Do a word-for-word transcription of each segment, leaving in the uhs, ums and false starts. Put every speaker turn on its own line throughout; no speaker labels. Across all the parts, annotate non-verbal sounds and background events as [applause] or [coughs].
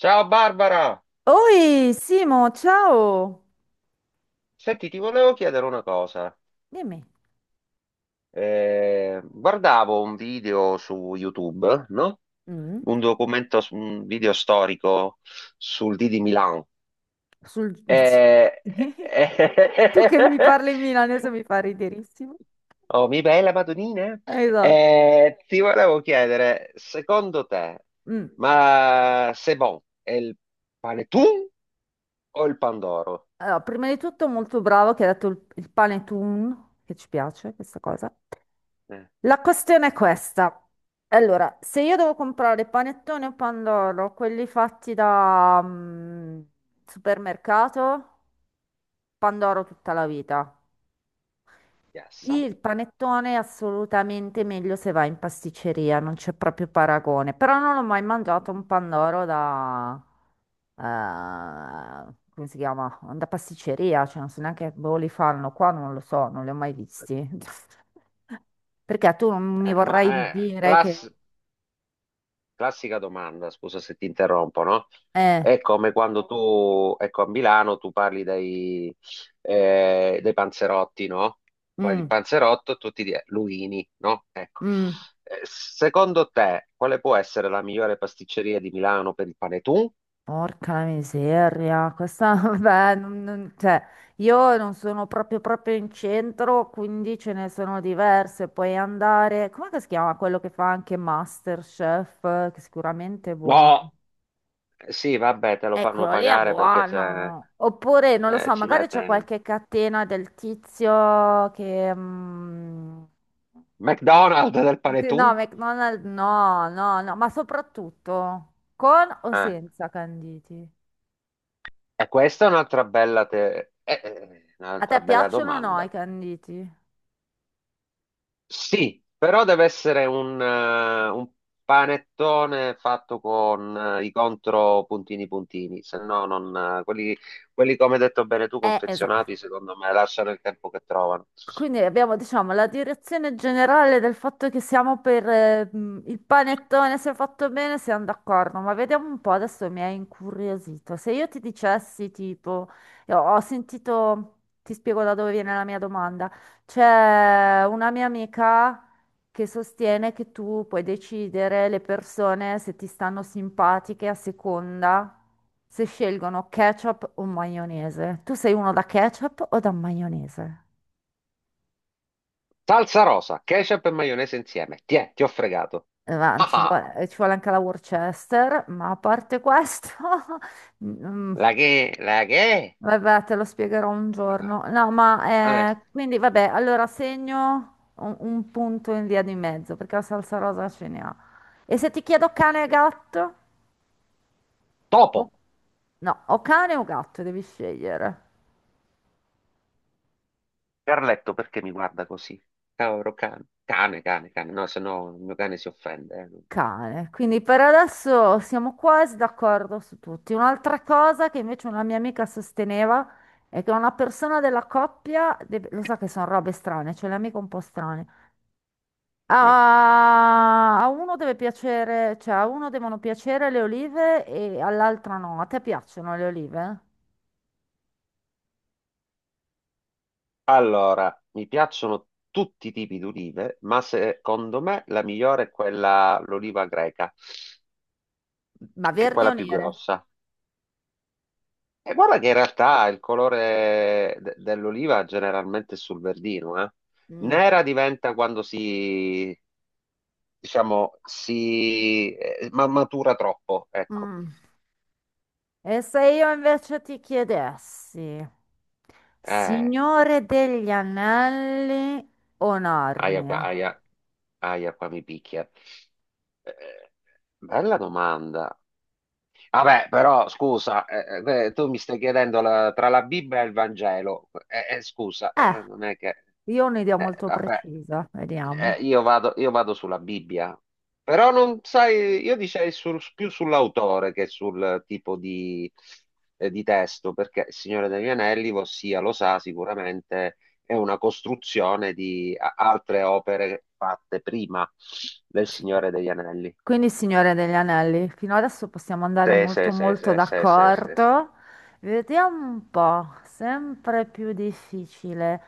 Ciao Barbara,
Oi, Simo, ciao!
senti, ti volevo chiedere una cosa.
Dimmi.
Eh, guardavo un video su YouTube, no?
Mm,
Un documento, su- un video storico sul D di Milano.
sul- [laughs]
Eh,
Tu che mi
eh,
parli in milanese
[laughs]
mi fa riderissimo.
Oh, mi bella Madonnina.
Esatto.
Eh, ti volevo chiedere, secondo te,
Mm.
ma c'est bon, è il panettone o il pandoro?
Allora, prima di tutto molto bravo che hai detto il, il panettone, che ci piace questa cosa.
Eh,
La questione è questa. Allora, se io devo comprare panettone o pandoro, quelli fatti da mm, supermercato, pandoro tutta la vita.
yes.
Il panettone è assolutamente meglio se va in pasticceria, non c'è proprio paragone. Però non ho mai mangiato un pandoro da, eh, come si chiama? Da pasticceria, cioè non so neanche dove li fanno qua, non lo so, non li ho mai visti. [laughs] Perché tu non mi
Eh, ma
vorrai
eh,
dire che...
class- Classica domanda, scusa se ti interrompo, no?
Eh,
È come quando tu, ecco, a Milano tu parli dei, eh, dei panzerotti, no? Parli di
mm,
panzerotto e tutti di eh, Luini, no? Ecco.
mm.
Eh, Secondo te, quale può essere la migliore pasticceria di Milano per il panetun?
Porca miseria, questa, [laughs] vabbè, non- non- cioè, io non sono proprio proprio in centro, quindi ce ne sono diverse. Puoi andare, com'è che si chiama quello che fa anche MasterChef, eh, che sicuramente è
No.
buono.
Eh, sì, vabbè, te lo fanno
Eccolo lì è
pagare perché c'è,
buono. Oppure, non lo
eh,
so,
ci
magari c'è
mette
qualche catena del tizio che... mm,
McDonald's del
sì,
panetun?
no, McDonald's, no, no, no, ma soprattutto con o
Eh,
senza canditi?
E questa è un'altra bella, te- eh, eh,
A te
un'altra bella
piacciono o no i
domanda.
canditi?
Sì, però deve essere un, eh, un panettone fatto con eh, i contro puntini puntini, se no non, eh, quelli, quelli come hai detto bene tu,
Eh,
confezionati,
esatto.
secondo me lasciano il tempo che trovano.
Quindi abbiamo, diciamo, la direzione generale del fatto che siamo per eh, mh, il panettone, se fatto bene siamo d'accordo, ma vediamo un po', adesso mi hai incuriosito. Se io ti dicessi, tipo, io ho sentito, ti spiego da dove viene la mia domanda, c'è una mia amica che sostiene che tu puoi decidere le persone se ti stanno simpatiche a seconda se scelgono ketchup o maionese. Tu sei uno da ketchup o da maionese?
Salsa rosa, ketchup e maionese insieme. Tiè, ti ho fregato.
Eh, ma
Ah,
ci vuole,
ah.
eh, ci vuole anche la Worcester, ma a parte questo, [laughs] mm,
La che, la che?
vabbè, te lo spiegherò un giorno. No,
Eh,
ma eh, quindi vabbè, allora segno un, un punto in via di mezzo perché la salsa rosa ce ne ha. E se ti chiedo cane e gatto? O-
Topo,
no, o cane o gatto devi scegliere.
Carletto, perché mi guarda così? Cavolo, cane, cane, cane, cane. No, se no il mio cane si offende.
Cane. Quindi per adesso siamo quasi d'accordo su tutti. Un'altra cosa che invece una mia amica sosteneva è che una persona della coppia, deve- lo so che sono robe strane, cioè le amiche un po' strane.
Eh. Eh.
A, a uno deve piacere, cioè a uno devono piacere le olive e all'altra no. A te piacciono le olive?
Allora, mi piacciono tutti i tipi di olive, ma secondo me la migliore è quella, l'oliva greca,
Ma
che è
verdi
quella
o
più
nere?
grossa. E guarda che in realtà il colore de- dell'oliva generalmente è sul verdino, eh.
Mm.
Nera diventa quando si, diciamo, si eh, ma- matura troppo, ecco.
Mm. E se io invece ti chiedessi,
Eh,
Signore degli Anelli o
Aia qua,
Narnia?
aia, aia qua mi picchia. Eh, Bella domanda. Vabbè, però scusa, eh, eh, eh, tu mi stai chiedendo la- tra la Bibbia e il Vangelo. Eh, eh, scusa, eh, non
Eh,
è che...
io ho un'idea
eh,
molto
Vabbè,
precisa,
eh,
vediamo.
io vado, io vado sulla Bibbia. Però non sai, io dicevo sul- più sull'autore che sul tipo di, eh, di testo, perché Il Signore degli Anelli, ossia, lo sa sicuramente, è una costruzione di a- altre opere fatte prima del
Sì.
Signore degli Anelli.
Quindi, Signore degli Anelli, fino adesso possiamo andare
Sì, sì,
molto
sì,
molto
sì, sì, sì, sì, sì.
d'accordo. Vediamo un po', sempre più difficile.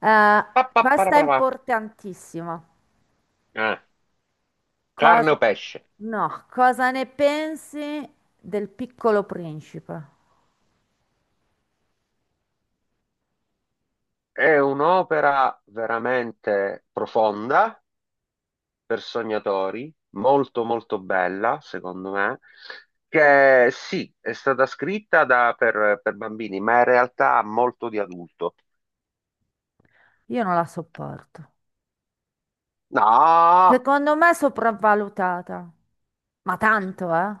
Eh,
Pa, pa, para,
questa è
para, pa.
importantissima.
Eh, Carne
Cosa...
o pesce?
No, cosa ne pensi del Piccolo Principe?
È un'opera veramente profonda per sognatori, molto molto bella, secondo me, che sì, è stata scritta da- per, per bambini, ma in realtà ha molto di adulto.
Io non la sopporto.
No!
Secondo me è sopravvalutata, ma tanto, eh?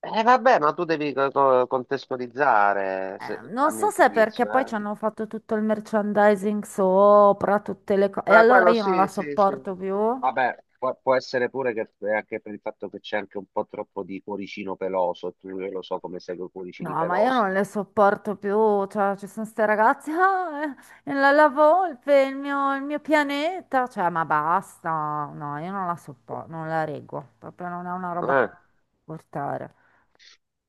Eh, vabbè, ma tu devi co- co- contestualizzare,
Eh,
se-
non
a
so
mio
se è perché
giudizio,
poi ci
eh.
hanno fatto tutto il merchandising sopra, tutte le cose. E
Ma
allora
quello
io non la
sì, sì, sì.
sopporto più. No,
Vabbè, può, può essere pure che è anche per il fatto che c'è anche un po' troppo di cuoricino peloso, e tu io lo so come seguo i cuoricini
ma io
pelosi.
non le sopporto più. Cioè, ci sono ste ragazze, [laughs] ah, eh, la, la volpe, il mio, il mio pianeta. Cioè, ma basta. No, io non la sopporto, non la reggo. Proprio non è una roba che
Eh,
puoi portare.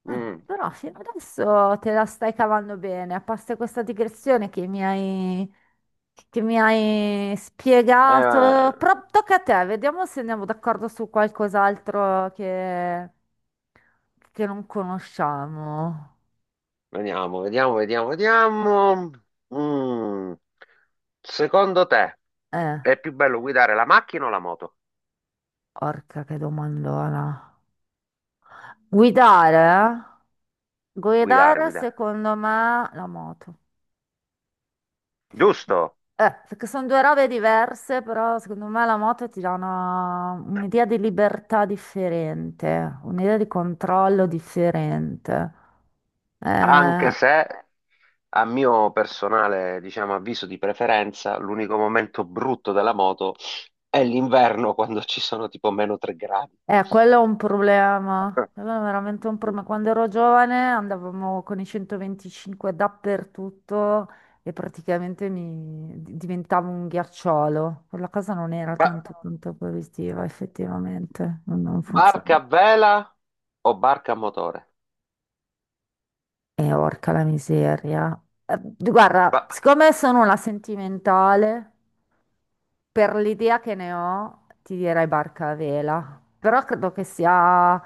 Ah,
mm,
però fino adesso te la stai cavando bene, a parte questa digressione che mi hai, che mi hai spiegato.
eh,
Però tocca a te, vediamo se andiamo d'accordo su qualcos'altro che, che non conosciamo.
Vediamo, vediamo, vediamo, vediamo. Mm. Secondo te
Eh,
è più bello guidare la macchina o la moto?
orca che domandona. Guidare? Eh?
Guidare,
Guidare
guidare.
secondo me la moto.
Giusto?
Eh, perché sono due robe diverse, però secondo me la moto ti dà una- un'idea di libertà differente, un'idea di controllo differente.
Anche
Eh,
se, a mio personale, diciamo, avviso di preferenza, l'unico momento brutto della moto è l'inverno quando ci sono tipo meno tre gradi.
eh, quello è un problema, quello è veramente un problema. Quando ero giovane andavamo con i centoventicinque dappertutto e praticamente mi di- diventavo un ghiacciolo. Quella cosa non era
Ba-
tanto tanto positiva, effettivamente, non non
Barca
funzionava.
a vela o barca a motore?
Eh, orca la miseria. Eh, guarda,
Ba-
siccome sono una sentimentale, per l'idea che ne ho, ti direi barca a vela. Però credo che sia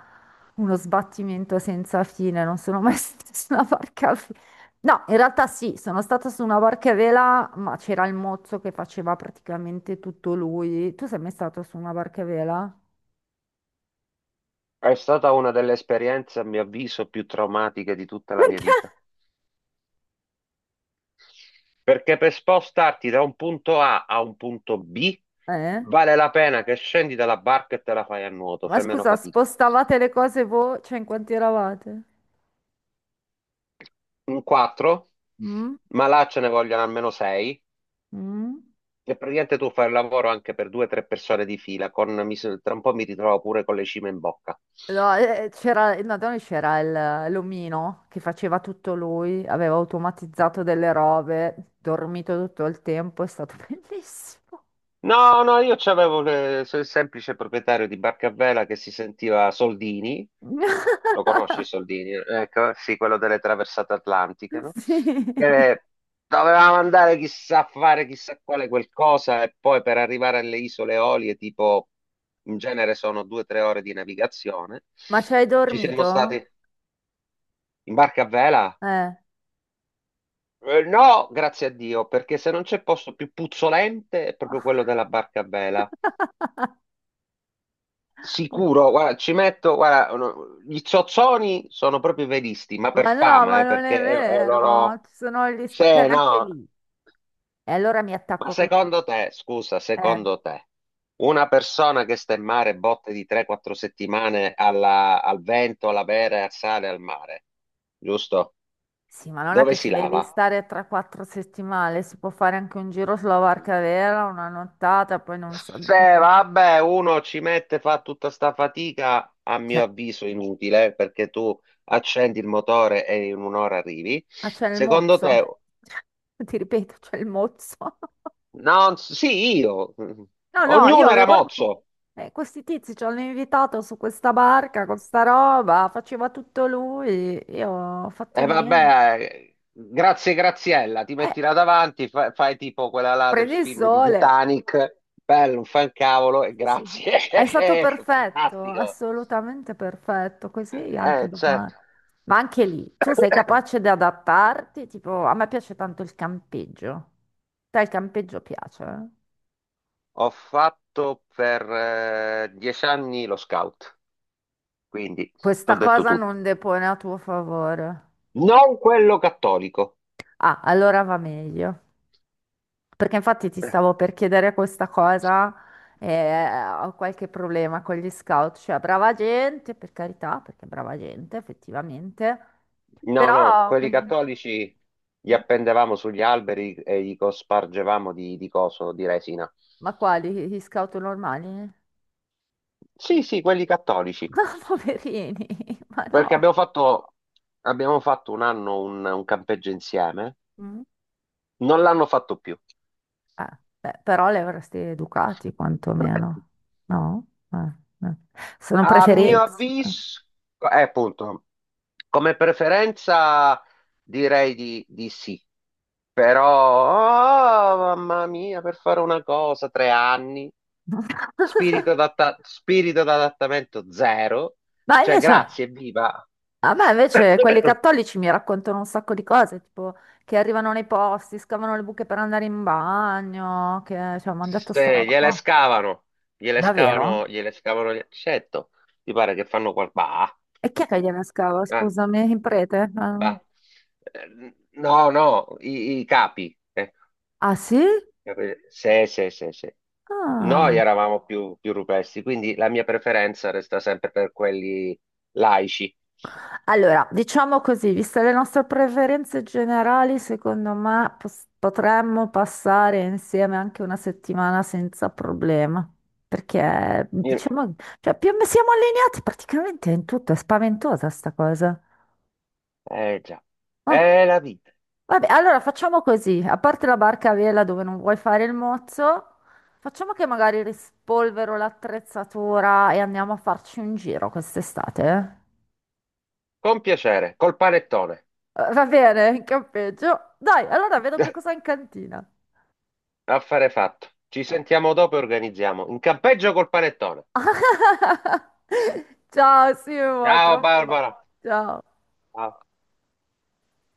uno sbattimento senza fine. Non sono mai [laughs] stata su una barca a vela. No, in realtà sì, sono stata su una barca a vela, ma c'era il mozzo che faceva praticamente tutto lui. Tu sei mai stato su una barca a vela?
è stata una delle esperienze, a mio avviso, più traumatiche di tutta la mia
Perché?
vita. Perché per spostarti da un punto A a un punto B
Eh?
vale la pena che scendi dalla barca e te la fai a nuoto,
Ma
fai meno
scusa,
fatica.
spostavate le cose voi? Cioè, in quanti eravate?
Un quattro?
Mm?
Ma là ce ne vogliono almeno sei.
Mm?
E praticamente tu fai il lavoro anche per due o tre persone di fila, con, mi s- tra un po' mi ritrovo pure con le cime in bocca.
No, eh, eh, c'era, no, da noi c'era il- l'omino che faceva tutto lui, aveva automatizzato delle robe, dormito tutto il tempo, è stato [laughs] bellissimo.
No, no, io c'avevo le- so- il semplice proprietario di barca a vela che si sentiva Soldini,
[laughs]
lo conosci Soldini? Ecco, sì, quello delle traversate atlantiche, no?
Sì.
Che doveva mandare chissà a fare chissà quale qualcosa e poi per arrivare alle isole Eolie, tipo, in genere sono due o tre ore di navigazione.
Ma ci hai
Ci siamo
dormito?
stati. In barca a vela?
Eh.
Eh, no, grazie a Dio, perché se non c'è posto più puzzolente è proprio quello della barca a vela.
[laughs]
Sicuro, guarda, ci metto, guarda, no, gli zozzoni sono proprio i velisti, ma per
Ma no,
fama,
ma
eh,
non è
perché è, è
vero,
loro...
ci sono gli
Sì,
spazi, anche
no,
lì. E allora mi
ma
attacco a questo.
secondo te, scusa,
Eh.
secondo te, una persona che sta in mare botte di tre quattro settimane alla- al vento, alla vera e al sale, al mare, giusto?
Sì, ma non è
Dove
che
si
ci devi
lava?
stare tre quattro settimane, si può fare anche un giro sulla barca vera, una nottata, poi non so.
Se Vabbè, uno ci mette, fa tutta sta fatica, a
Cioè,
mio avviso inutile, perché tu accendi il motore e in un'ora arrivi.
ah, c'è il
Secondo te,
mozzo? [laughs] Ti ripeto, c'è il mozzo. [laughs]
no, sì, io,
No, no, io
ognuno era
avevo...
mozzo.
eh, questi tizi ci hanno invitato su questa barca con sta roba, faceva tutto lui, io ho fatto
E
niente.
vabbè, eh, grazie Graziella, ti
Eh,
metti là davanti, fa- fai tipo quella là del
prendi il
film di
sole.
Titanic, bello, non fa un cavolo e
Sì, sì.
grazie,
È stato
[laughs]
perfetto,
fantastico.
assolutamente perfetto, così anche
Eh,
domani.
certo.
Ma anche lì, tu sei capace di adattarti? Tipo, a me piace tanto il campeggio. Te il campeggio piace? Eh?
Ho fatto per eh, dieci anni lo scout, quindi ho
Questa
detto
cosa
tutto.
non depone a tuo favore.
Non quello cattolico.
Ah, allora va meglio. Perché infatti ti stavo per chiedere questa cosa, eh, ho qualche problema con gli scout, cioè brava gente, per carità, perché brava gente effettivamente,
No, no,
però
quelli
quelli...
cattolici li
Mm?
appendevamo sugli alberi e li cospargevamo di, di coso, di resina.
Ma quali? Gli scout normali?
Sì, sì, quelli cattolici.
[laughs] Poverini, ma no.
Perché abbiamo fatto, abbiamo fatto un anno un, un campeggio insieme.
Mm.
Non l'hanno fatto più.
Eh, beh, però li avresti educati
[laughs]
quantomeno, no? Eh, eh. Sono
A mio
preferenze.
avviso, eh, appunto, come preferenza direi di, di sì, però, oh, mamma mia, per fare una cosa, tre anni,
[laughs]
spirito d'adatta- spirito d'adattamento zero,
Ma
cioè
invece... no.
grazie, viva.
A me invece quelli
[coughs]
cattolici mi raccontano un sacco di cose, tipo che arrivano nei posti, scavano le buche per andare in bagno, che cioè, mi hanno detto sta
Se
roba
gliele
qua.
scavano, gliele
Davvero?
scavano, gliele scavano, gli- certo, ti pare che fanno qual... Bah,
E chi è che gliela scava?
eh,
Scusami, il prete? Ah,
bah. Eh, No, no, i, i capi. Eh.
ah, sì?
Capito? Sì, sì, sì, sì. Noi
Ah.
eravamo più, più rupesti, quindi la mia preferenza resta sempre per quelli laici.
Allora, diciamo così, viste le nostre preferenze generali, secondo me pos- potremmo passare insieme anche una settimana senza problema, perché
Io-
diciamo, cioè, più siamo allineati praticamente in tutto, è spaventosa sta cosa.
Eh già,
Oh,
è la vita.
vabbè, allora facciamo così, a parte la barca a vela dove non vuoi fare il mozzo, facciamo che magari rispolvero l'attrezzatura e andiamo a farci un giro quest'estate, eh?
Con piacere, col panettone.
Eh, Va bene, campeggio. Dai, allora vedo che cosa
[laughs]
hai in cantina.
Affare fatto. Ci sentiamo dopo e organizziamo. In campeggio col panettone.
[laughs] Ciao Simo, a tra
Ciao
un po'.
Barbara.
Ciao.
Ciao.